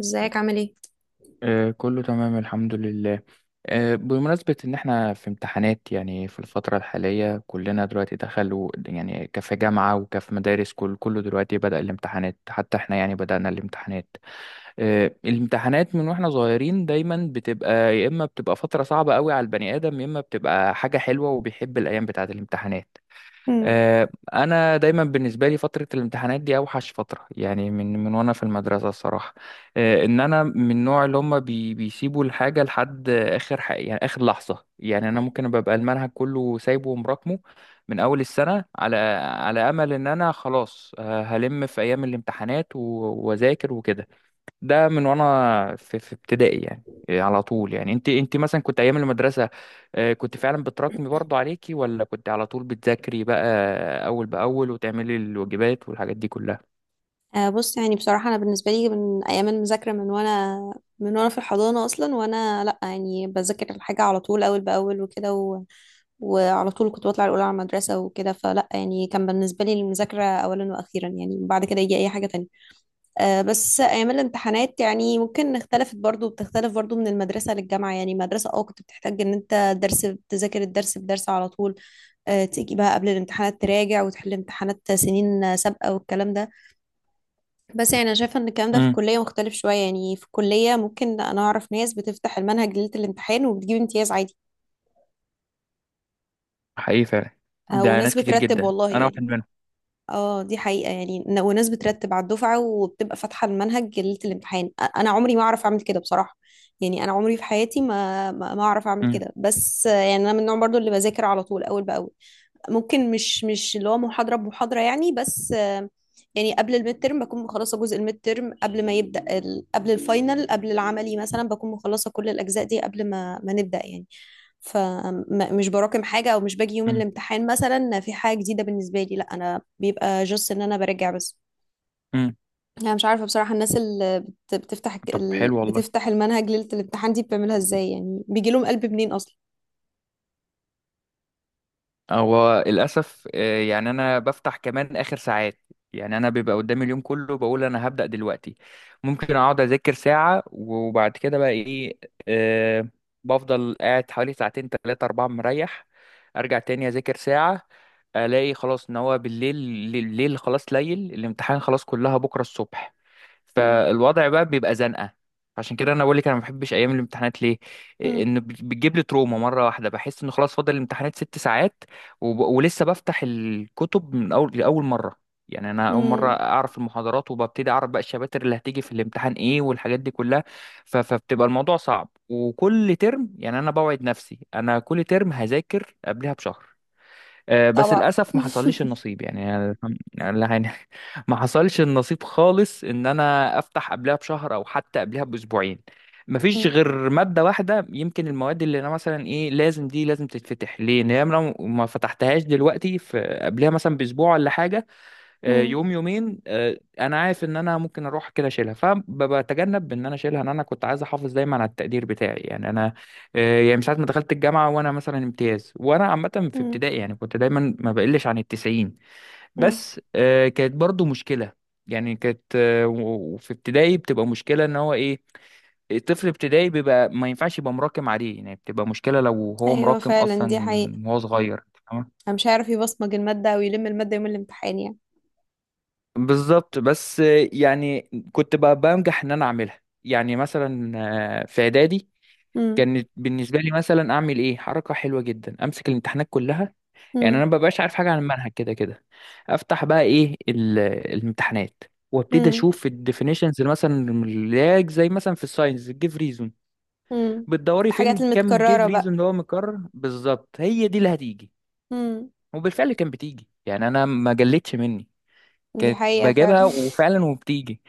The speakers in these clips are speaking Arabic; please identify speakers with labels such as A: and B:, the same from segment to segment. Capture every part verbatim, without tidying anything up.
A: ازيك عامل ايه؟
B: آه، كله تمام الحمد لله. آه، بمناسبة إن إحنا في امتحانات، يعني في الفترة الحالية كلنا دلوقتي دخلوا، يعني كفي جامعة وكفي مدارس، كل كله دلوقتي بدأ الامتحانات، حتى إحنا يعني بدأنا الامتحانات. آه، الامتحانات من وإحنا صغيرين دايما بتبقى يا إما بتبقى فترة صعبة قوي على البني آدم، يا إما بتبقى حاجة حلوة وبيحب الأيام بتاعة الامتحانات.
A: مم.
B: آه، انا دايما بالنسبه لي فتره الامتحانات دي اوحش فتره، يعني من من وانا في المدرسه الصراحه. آه، ان انا من النوع اللي هم بي بيسيبوا الحاجه لحد اخر حق، يعني اخر لحظه. يعني انا ممكن ببقى المنهج كله سايبه ومراكمه من اول السنه، على على امل ان انا خلاص آه، هلم في ايام الامتحانات و- واذاكر وكده. ده من وانا في, في ابتدائي يعني إيه، على طول. يعني انت انت مثلا كنت ايام المدرسه آه، كنت فعلا بتراكمي برضو عليكي، ولا كنت على طول بتذاكري بقى اول باول وتعملي الواجبات والحاجات دي كلها؟
A: آه، بص، يعني بصراحة أنا بالنسبة لي من أيام المذاكرة من وأنا من وأنا في الحضانة أصلا، وأنا لأ يعني بذاكر الحاجة على طول أول بأول وكده و... وعلى طول كنت بطلع الأولى على المدرسة وكده، فلأ يعني كان بالنسبة لي المذاكرة أولا وأخيرا، يعني بعد كده يجي أي حاجة تانية. آه، بس أيام الامتحانات يعني ممكن اختلفت، برضو بتختلف برضو من المدرسة للجامعة، يعني مدرسة أه كنت بتحتاج إن أنت درس تذاكر الدرس بدرس على طول، آه، تيجي بقى قبل الامتحانات تراجع وتحل امتحانات سنين سابقة والكلام ده. بس يعني انا شايفه ان الكلام ده في
B: امم.
A: الكليه مختلف شويه، يعني في الكليه ممكن انا اعرف ناس بتفتح المنهج ليله الامتحان وبتجيب امتياز عادي،
B: حقيقي فعلا،
A: او
B: ده ناس
A: ناس
B: كتير
A: بترتب
B: جدا،
A: والله
B: انا واحد
A: يعني،
B: منهم.
A: اه دي حقيقه يعني، ن- وناس بترتب على الدفعه وبتبقى فاتحه المنهج ليله الامتحان. أ- انا عمري ما اعرف اعمل كده بصراحه، يعني انا عمري في حياتي ما ما ما اعرف اعمل
B: امم.
A: كده. بس آه، يعني انا من النوع برضو اللي بذاكر على طول اول باول، ممكن مش مش اللي هو محاضرة بمحاضرة يعني، بس آه، يعني قبل الميد ترم بكون مخلصة جزء الميد ترم قبل ما يبدأ ال... قبل الفاينل، قبل العملي مثلا بكون مخلصة كل الأجزاء دي قبل ما ما نبدأ يعني. فمش براكم حاجة، أو مش باجي يوم
B: امم.
A: الامتحان مثلا في حاجة جديدة بالنسبة لي، لا أنا بيبقى جست إن أنا براجع بس.
B: امم.
A: أنا مش عارفة بصراحة الناس اللي بت- بتفتح الك-
B: طب حلو
A: ال...
B: والله.
A: بتفتح المنهج ليلة الامتحان دي بتعملها إزاي، يعني بيجي لهم قلب منين أصلا؟
B: هو للأسف آه، يعني أنا بفتح كمان آخر ساعات. يعني أنا بيبقى قدامي اليوم كله، بقول أنا هبدأ دلوقتي، ممكن أقعد أذاكر ساعة، وبعد كده بقى إيه، آه، بفضل قاعد حوالي ساعتين تلاتة أربعة مريح، أرجع تاني أذاكر ساعة، ألاقي خلاص إن هو بالليل. الليل خلاص، ليل الامتحان، خلاص كلها بكرة الصبح.
A: مم.
B: فالوضع بقى بيبقى زنقه. عشان كده انا بقول لك انا ما بحبش ايام الامتحانات ليه.
A: مم.
B: ان بت- بتجيب لي تروما مره واحده، بحس ان خلاص فاضل الامتحانات ست ساعات، وب... ولسه بفتح الكتب من اول لاول مره. يعني انا اول مره
A: مم.
B: اعرف المحاضرات، وببتدي اعرف بقى الشباتر اللي هتيجي في الامتحان ايه والحاجات دي كلها. ف... فبتبقى الموضوع صعب. وكل ترم يعني انا بوعد نفسي انا كل ترم هذاكر قبلها بشهر، آه، بس
A: طبعا.
B: للاسف ما حصليش النصيب. يعني أنا الحم- لا يعني ما حصلش النصيب خالص ان انا افتح قبلها بشهر او حتى قبلها باسبوعين. ما فيش
A: مم.
B: غير ماده واحده، يمكن المواد اللي انا مثلا ايه لازم، دي لازم تتفتح ليه، ان هي لو ما فتحتهاش دلوقتي في قبلها مثلا باسبوع ولا حاجه، آه،
A: مم.
B: يوم يومين. آه، انا عارف ان انا ممكن اروح كده اشيلها، فبتجنب ان انا اشيلها. ان انا كنت عايز احافظ دايما على التقدير بتاعي. يعني انا آه، يعني من ساعه ما دخلت الجامعه وانا مثلا امتياز، وانا عامه في
A: مم.
B: ابتدائي، يعني كنت دايما ما بقلش عن التسعين.
A: مم.
B: بس آه، كانت برضو مشكله. يعني كانت، آه، و- وفي ابتدائي بتبقى مشكله، ان هو ايه، الطفل ابتدائي بيبقى ما ينفعش يبقى مراكم عليه، يعني بتبقى مشكله لو هو
A: ايوه
B: مراكم
A: فعلا، دي حقيقة.
B: اصلا وهو صغير.
A: أنا مش هيعرف يبصمج المادة او يلم المادة يوم الامتحان يعني.
B: بالظبط، بس يعني كنت بقى بنجح ان انا اعملها، يعني مثلا آه، في اعدادي
A: مم.
B: كانت بالنسبه لي مثلا اعمل ايه، حركه حلوه جدا، امسك الامتحانات كلها. يعني انا
A: مم.
B: مببقاش عارف حاجه عن المنهج، كده كده افتح بقى ايه ال- الامتحانات، وابتدي
A: مم.
B: اشوف الديفينيشنز مثلا، اللاج زي مثلا في الساينس الجيف ريزون،
A: مم.
B: بتدوري
A: الحاجات
B: فين كام جيف
A: المتكررة
B: ريزون
A: بقى.
B: اللي هو مكرر بالظبط، هي دي اللي هتيجي.
A: مم.
B: وبالفعل كان بتيجي، يعني انا ما جلتش مني،
A: دي
B: كانت
A: حقيقة فعلا.
B: بجيبها وفعلا وبتيجي.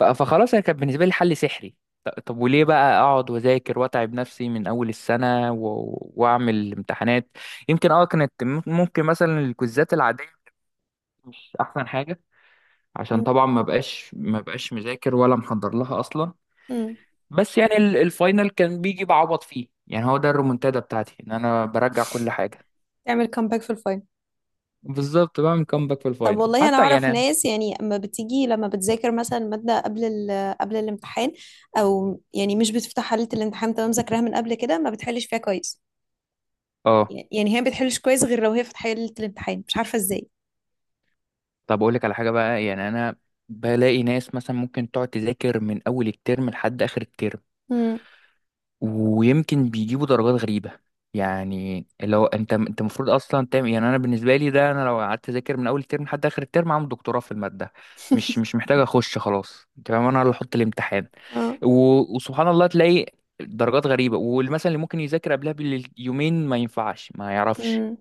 B: ف- فخلاص هي كانت بالنسبه لي حل سحري. ط- طب وليه بقى اقعد واذاكر واتعب نفسي من اول السنه و... واعمل امتحانات، يمكن اه كانت مم- ممكن مثلا الكويزات العاديه مش احسن حاجه، عشان
A: مم.
B: طبعا ما بقاش ما بقاش مذاكر ولا محضر لها اصلا.
A: مم.
B: بس يعني ال- الفاينل كان بيجي بعوض فيه، يعني هو ده الرومنتادا بتاعتي، ان انا برجع كل حاجه.
A: تعمل كامباك في الفاينل.
B: بالظبط، بعمل كومباك في
A: طب
B: الفاينل
A: والله انا
B: حتى
A: اعرف
B: يعني.
A: ناس يعني اما بتيجي لما بتذاكر مثلا ماده قبل ال- قبل الامتحان، او يعني مش بتفتح حله الامتحان تمام، مذاكراها من قبل كده ما بتحلش فيها كويس.
B: اه،
A: يعني يعني هي ما بتحلش كويس غير لو هي فتحت حله الامتحان، مش عارفه ازاي.
B: طب اقول لك على حاجه بقى، يعني انا بلاقي ناس مثلا ممكن تقعد تذاكر من اول الترم لحد اخر الترم،
A: امم.
B: ويمكن بيجيبوا درجات غريبه. يعني لو انت انت المفروض اصلا تعمل، يعني انا بالنسبه لي ده، انا لو قعدت اذاكر من اول الترم لحد اخر الترم عامل دكتوراه في الماده، مش مش محتاج اخش، خلاص انت فاهم انا اللي احط الامتحان. و- وسبحان الله تلاقي درجات غريبه، والمثل اللي ممكن يذاكر قبلها باليومين ما ينفعش ما يعرفش.
A: اه.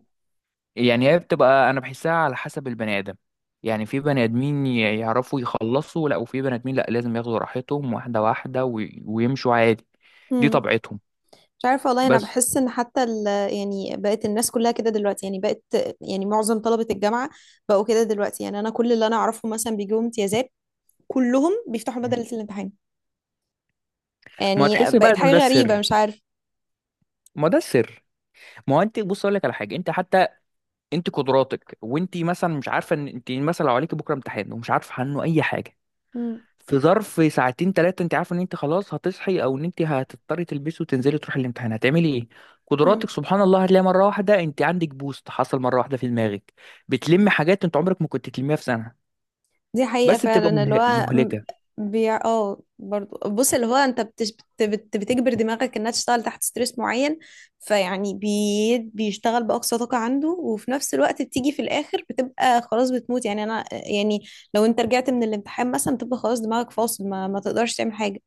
B: يعني هي بتبقى، انا بحسها على حسب البني ادم. يعني في بني ادمين ي- يعرفوا يخلصوا، لا، وفي بني ادمين لا لازم ياخدوا راحتهم واحده واحده وي- ويمشوا عادي، دي
A: مم.
B: طبيعتهم.
A: مش عارفة والله، أنا
B: بس.
A: بحس إن حتى ال يعني بقت الناس كلها كده دلوقتي، يعني بقت، يعني معظم طلبة الجامعة بقوا كده دلوقتي، يعني أنا كل اللي أنا أعرفه مثلا بيجيبوا امتيازات، كلهم بيفتحوا
B: مم.
A: بدلة الامتحان،
B: ما
A: يعني
B: تحس بقى
A: بقت
B: ان ده
A: حاجة غريبة
B: السر.
A: مش عارفة.
B: ما ده السر. ما هو انت بص، اقول لك على حاجه، انت حتى، انت قدراتك، وانت مثلا مش عارفه ان انت مثلا لو عليكي بكره امتحان ومش عارفه عنه اي حاجه،
A: مم.
B: في ظرف ساعتين ثلاثة، انت عارفة ان انت خلاص هتصحي او ان انت هتضطري تلبسي وتنزلي تروحي الامتحان، هتعملي ايه؟
A: مم.
B: قدراتك سبحان الله، هتلاقي مرة واحدة انت عندك بوست حصل مرة واحدة في دماغك، بتلمي حاجات انت عمرك ما كنت تلميها في سنة،
A: دي حقيقة
B: بس بتبقى
A: فعلا، اللي
B: مله-
A: هو م-
B: مهلكة.
A: بيع اه برضو، بص اللي هو انت بتش... بت... بت... بتجبر دماغك انها تشتغل تحت ستريس معين، فيعني بي... بيشتغل بأقصى طاقة عنده، وفي نفس الوقت بتيجي في الآخر بتبقى خلاص بتموت، يعني انا يعني لو انت رجعت من الامتحان مثلا بتبقى خلاص دماغك فاصل ما, ما تقدرش تعمل حاجة.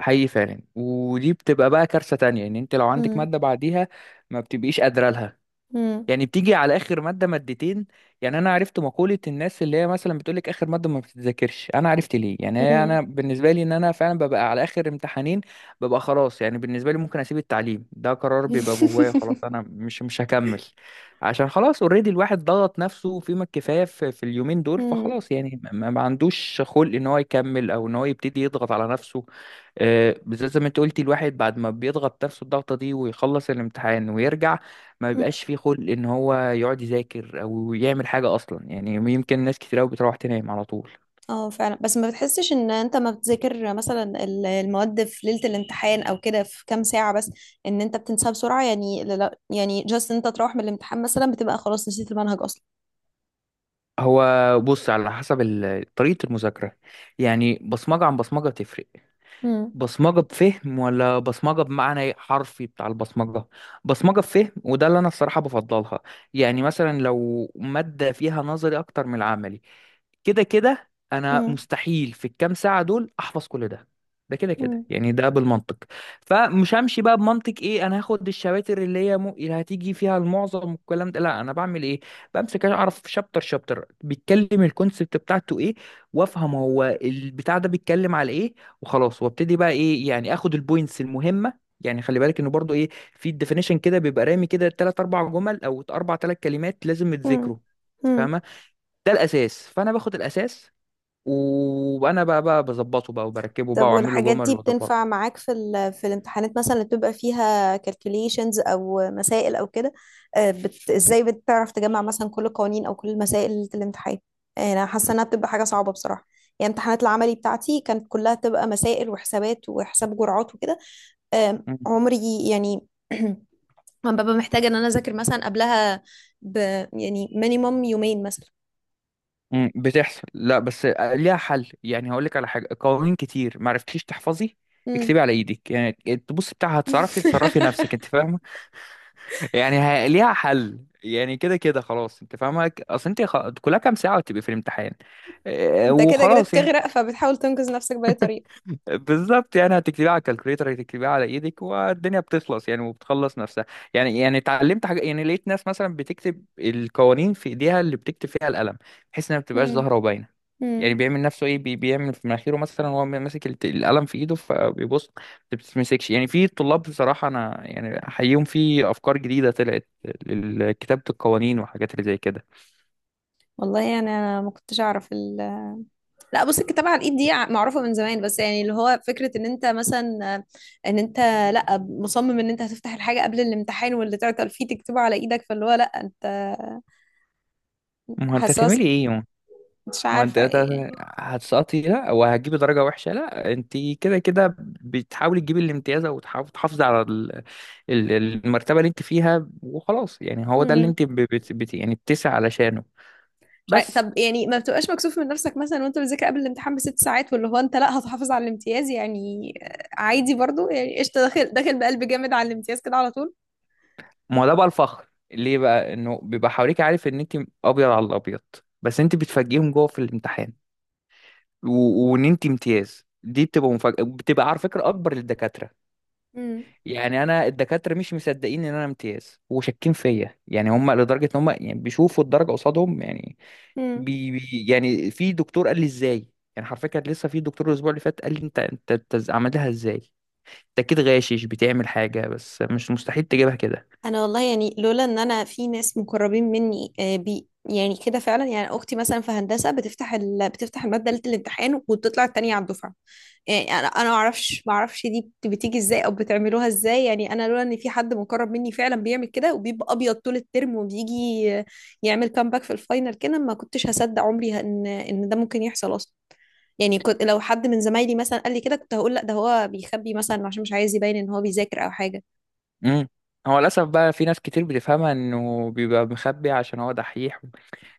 B: حقيقي فعلا، ودي بتبقى بقى كارثة تانية، ان انت لو عندك
A: مم.
B: مادة بعديها، ما بتبقيش قادرة لها.
A: مم.
B: يعني بتيجي على اخر ماده مادتين، يعني انا عرفت مقوله الناس اللي هي مثلا بتقولك اخر ماده ما بتتذاكرش، انا عرفت ليه. يعني هي،
A: مم.
B: انا بالنسبه لي، ان انا فعلا ببقى على اخر امتحانين ببقى خلاص، يعني بالنسبه لي ممكن اسيب التعليم، ده قرار بيبقى جوايا، خلاص انا مش مش هكمل. عشان خلاص اوريدي الواحد ضغط نفسه فيما الكفايه في, في اليومين دول،
A: مم.
B: فخلاص يعني ما ما عندوش خلق ان هو يكمل او ان هو يبتدي يضغط على نفسه. آه، بالذات زي ما انت قلتي، الواحد بعد ما بيضغط نفسه الضغطه دي ويخلص الامتحان ويرجع، ما بيبقاش فيه خلق ان هو يقعد يذاكر او يعمل حاجه اصلا، يعني يمكن ناس كتير قوي بتروح تنام على طول.
A: اه فعلا، بس ما بتحسش ان انت ما بتذاكر مثلا ال- المواد في ليلة الامتحان او كده في كام ساعة بس، ان انت بتنساها بسرعة؟ يعني لا لا- يعني جاست انت تروح من الامتحان مثلا بتبقى خلاص نسيت المنهج اصلا.
B: هو بص، على حسب ال- طريقه المذاكره. يعني بصمجه عن بصمجه تفرق،
A: امم.
B: بصمجه بفهم ولا بصمجه بمعنى حرفي بتاع البصمجه. بصمجه بفهم، وده اللي انا الصراحه بفضلها. يعني مثلا لو ماده فيها نظري اكتر من العملي، كده كده انا
A: امم.
B: مستحيل في الكام ساعه دول احفظ كل ده، ده كده كده
A: امم.
B: يعني ده بالمنطق. فمش همشي بقى بمنطق ايه، انا هاخد الشباتر اللي هي م... اللي هتيجي فيها المعظم والكلام ده. لا انا بعمل ايه، بمسك اعرف شابتر شابتر بيتكلم الكونسبت بتاعته ايه، وافهم هو البتاع ده بيتكلم على ايه، وخلاص وابتدي بقى ايه، يعني اخد البوينتس المهمه. يعني خلي بالك انه برضو ايه، في الديفينيشن كده بيبقى رامي كده تلات اربع جمل او اربع تلات كلمات لازم يتذكروا،
A: امم.
B: ده الاساس، فانا باخد الاساس، وانا بقى بقى بظبطه بقى وبركبه
A: طب
B: بقى واعمل له
A: والحاجات
B: جمل
A: دي
B: واظبطه.
A: بتنفع معاك في ال... في الامتحانات مثلا اللي بتبقى فيها calculations او مسائل او كده؟ آه، بت... ازاي بتعرف تجمع مثلا كل القوانين او كل المسائل اللي في الامتحان؟ يعني انا حاسه انها بتبقى حاجه صعبه بصراحه، يعني امتحانات العملي بتاعتي كانت كلها تبقى مسائل وحسابات وحساب جرعات وكده. آم،
B: مم.
A: عمري يعني لما ببقى محتاجه ان انا اذاكر مثلا قبلها ب يعني مينيمم يومين مثلا.
B: مم. بتحصل، لا بس ليها حل. يعني هقول لك على حاجه، قوانين كتير ما عرفتيش تحفظي،
A: مم.
B: اكتبي على ايدك، يعني تبص بتاعها هتصرفي، تصرفي نفسك انت فاهمه. يعني ه- ليها حل، يعني كده كده خلاص انت فاهمه اصل انت خ... كلها كام ساعه وتبقي في الامتحان، آه،
A: انت كده كده
B: وخلاص يعني.
A: بتغرق فبتحاول تنقذ نفسك بأي طريقه.
B: بالظبط، يعني هتكتبيها على الكالكوليتر، هتكتبيها على ايدك، والدنيا بتخلص يعني، وبتخلص نفسها. يعني يعني اتعلمت حاجه، يعني لقيت ناس مثلا بتكتب القوانين في ايديها اللي بتكتب فيها القلم، بحيث انها ما بتبقاش
A: مم.
B: ظاهره وباينه. يعني
A: مم.
B: بيعمل نفسه ايه، بي- بيعمل في مناخيره مثلا، وهو ماسك الت- القلم في ايده فبيبص، ما بتتمسكش. يعني في طلاب بصراحه انا يعني احييهم في افكار جديده طلعت لكتابه القوانين وحاجات اللي زي كده.
A: والله يعني انا ما كنتش اعرف ال... لا، بص، الكتابه على الايد دي ع- معروفه من زمان، بس يعني اللي هو فكره ان انت مثلا آه، ان انت لا مصمم ان انت هتفتح الحاجه قبل الامتحان واللي تعطل فيه تكتبه على ايدك، فاللي هو لا انت
B: ما هو انت
A: حساس،
B: هتعملي ايه،
A: مش
B: وانت
A: عارفه يعني.
B: هتسقطي لا، وهتجيبي درجة وحشة لا، انت كده كده بتحاولي تجيبي الامتياز او تحاول تحافظي على ال- ال- المرتبة اللي انت فيها، وخلاص يعني هو ده اللي
A: مم.
B: انت ب- بت بت يعني بتسعي علشانه.
A: مش عارف.
B: بس
A: طب يعني ما بتبقاش مكسوف من نفسك مثلا وانت بتذاكر قبل الامتحان بست ساعات، واللي هو انت لا هتحافظ على الامتياز يعني، آه، عادي برضو يعني، قشطه داخل داخل بقلب جامد على الامتياز كده على طول؟
B: ما هو ده بقى الفخر ليه بقى، انه بيبقى حواليك عارف ان انت ابيض على الابيض، بس انت بتفاجئهم جوه في الامتحان. و- وان انت امتياز دي بتبقى مفاجأة، بتبقى على فكرة اكبر للدكاترة. يعني انا الدكاتره مش مصدقين ان انا امتياز وشاكين فيا، يعني هم لدرجه ان هم يعني بيشوفوا الدرجه قصادهم يعني.
A: مم.
B: بي بي- يعني في دكتور قال لي ازاي. يعني حرفيا كان لسه في دكتور الاسبوع اللي فات قال لي انت انت, انت إز- عملها ازاي، انت اكيد غاشش بتعمل حاجه، بس مش مستحيل تجيبها كده.
A: انا والله يعني لولا ان انا في ناس مقربين مني، آه، بي يعني كده فعلا، يعني اختي مثلا في هندسه بتفتح ال... بتفتح الماده ليله الامتحان وبتطلع التانية على الدفعه. يعني انا انا ما اعرفش ما اعرفش دي بت- بتيجي ازاي، او بتعملوها ازاي، يعني انا لولا ان في حد مقرب مني فعلا بيعمل كده وبيبقى ابيض طول الترم، وبيجي آه، يعمل كامباك في الفاينل كده، ما كنتش هصدق عمري ان ان ده ممكن يحصل اصلا. يعني كنت لو حد من زمايلي مثلا قال لي كده كنت هقول لا، ده هو بيخبي مثلا عشان مش عايز يبين ان هو بيذاكر او حاجه.
B: امم. هو للاسف بقى في ناس كتير بتفهمها انه بيبقى مخبي عشان هو دحيح.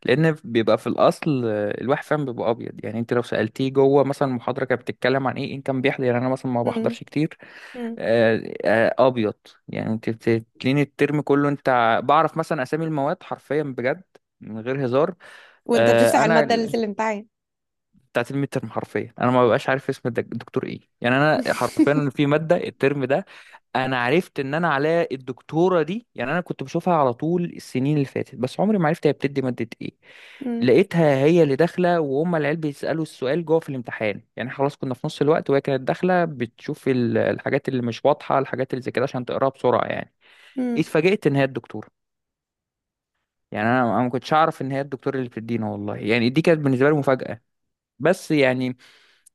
B: لان بيبقى في الاصل آه، الواحد فاهم، بيبقى ابيض. يعني انت لو سالتيه جوه مثلا المحاضره كانت بتتكلم عن ايه، ان كان بيحضر يعني، انا مثلا ما بحضرش كتير.
A: امم.
B: آه، آه، ابيض. يعني انت بتتلين الترم كله، انت ع- بعرف مثلا اسامي المواد حرفيا بجد، من غير هزار.
A: وانت
B: آه،
A: بتفتح
B: انا
A: المادة ليلة
B: ال-
A: الامتحان.
B: بتاعت الميد ترم، حرفيا انا ما ببقاش عارف اسم الدك- الدكتور ايه. يعني انا حرفيا في ماده الترم ده، انا عرفت ان انا علاء الدكتوره دي. يعني انا كنت بشوفها على طول السنين اللي فاتت، بس عمري ما عرفت هي بتدي ماده ايه.
A: مم.
B: لقيتها هي اللي داخله، وهم العيال بيسالوا السؤال جوه في الامتحان، يعني خلاص كنا في نص الوقت، وهي كانت داخله بتشوف ال- الحاجات اللي مش واضحه، الحاجات اللي زي كده عشان تقراها بسرعه يعني.
A: مم.
B: اتفاجئت ان هي الدكتوره. يعني انا أنا ما كنتش اعرف ان هي الدكتوره اللي بتدينا، والله يعني دي كانت بالنسبه لي مفاجاه. بس يعني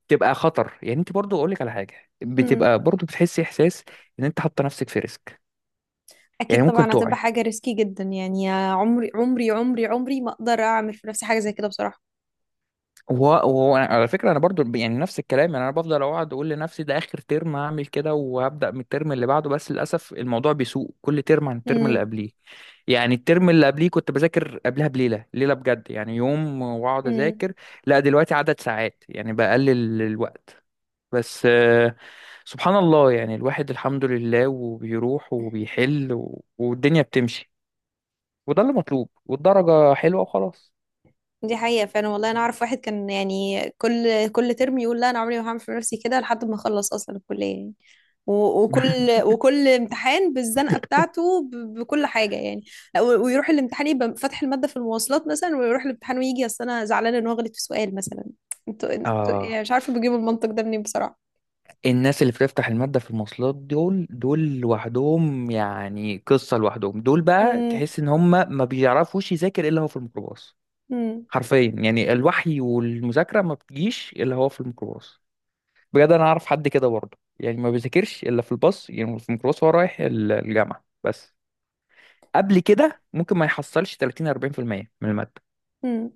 B: تبقى خطر. يعني انت برضو اقول لك على حاجه،
A: مم.
B: بتبقى برضو بتحسي احساس ان انت حاطه نفسك في ريسك، يعني
A: اكيد
B: ممكن
A: طبعا، هتبقى
B: تقعي.
A: حاجة ريسكي جدا، يعني يا عمري عمري عمري عمري ما اقدر اعمل في نفسي حاجة زي كده بصراحة.
B: وعلى فكرة أنا برضو يعني نفس الكلام، يعني أنا بفضل أقعد أقول لنفسي ده آخر ترم هعمل كده، وهبدأ من الترم اللي بعده، بس للأسف الموضوع بيسوء كل ترم عن الترم اللي
A: مم.
B: قبليه. يعني الترم اللي قبليه كنت بذاكر قبلها بليلة، ليلة بجد يعني يوم، وأقعد
A: مم.
B: أذاكر. لا دلوقتي عدد ساعات، يعني بقلل الوقت بس. آه، سبحان الله، يعني الواحد الحمد لله، وبيروح وبيحل، و- والدنيا بتمشي، وده اللي مطلوب، والدرجة حلوة وخلاص.
A: دي حقيقة فعلا، والله أنا أعرف واحد كان يعني كل كل ترم يقول لا أنا عمري ما هعمل في نفسي كده لحد ما أخلص أصلا الكلية يعني، و- وكل وكل امتحان بالزنقة بتاعته، ب- بكل حاجة يعني. لا، و- ويروح الامتحان يبقى فاتح المادة في المواصلات مثلا، ويروح الامتحان ويجي أصل أنا زعلانة إن هو غلط في سؤال مثلا. انتوا انتوا
B: آه،
A: يعني مش عارفة بجيبوا المنطق ده منين بصراحة.
B: الناس اللي بتفتح المادة في المواصلات دول، دول لوحدهم، يعني قصة لوحدهم، دول بقى
A: مم.
B: تحس ان هم ما بيعرفوش يذاكر الا هو في الميكروباص.
A: مم.
B: حرفيا، يعني الوحي والمذاكرة ما بتجيش الا هو في الميكروباص. بجد انا اعرف حد كده برضه، يعني ما بيذاكرش الا في الباص، يعني في الميكروباص وهو رايح ال- الجامعة بس. قبل كده ممكن ما يحصلش تلاتين اربعين في المية من المادة.
A: مم.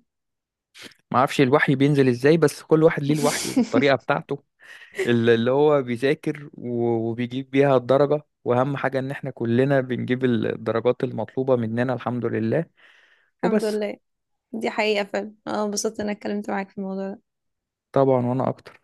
B: ما اعرفش الوحي بينزل ازاي، بس كل واحد ليه الوحي والطريقة بتاعته، ال- اللي هو بيذاكر و- وبيجيب بيها الدرجة. وأهم حاجة إن إحنا كلنا بنجيب الدرجات المطلوبة مننا الحمد لله،
A: الحمد
B: وبس.
A: لله. دي حقيقة فعلا، أنا انبسطت إن أنا اتكلمت معاك في الموضوع ده.
B: طبعا، وأنا أكتر.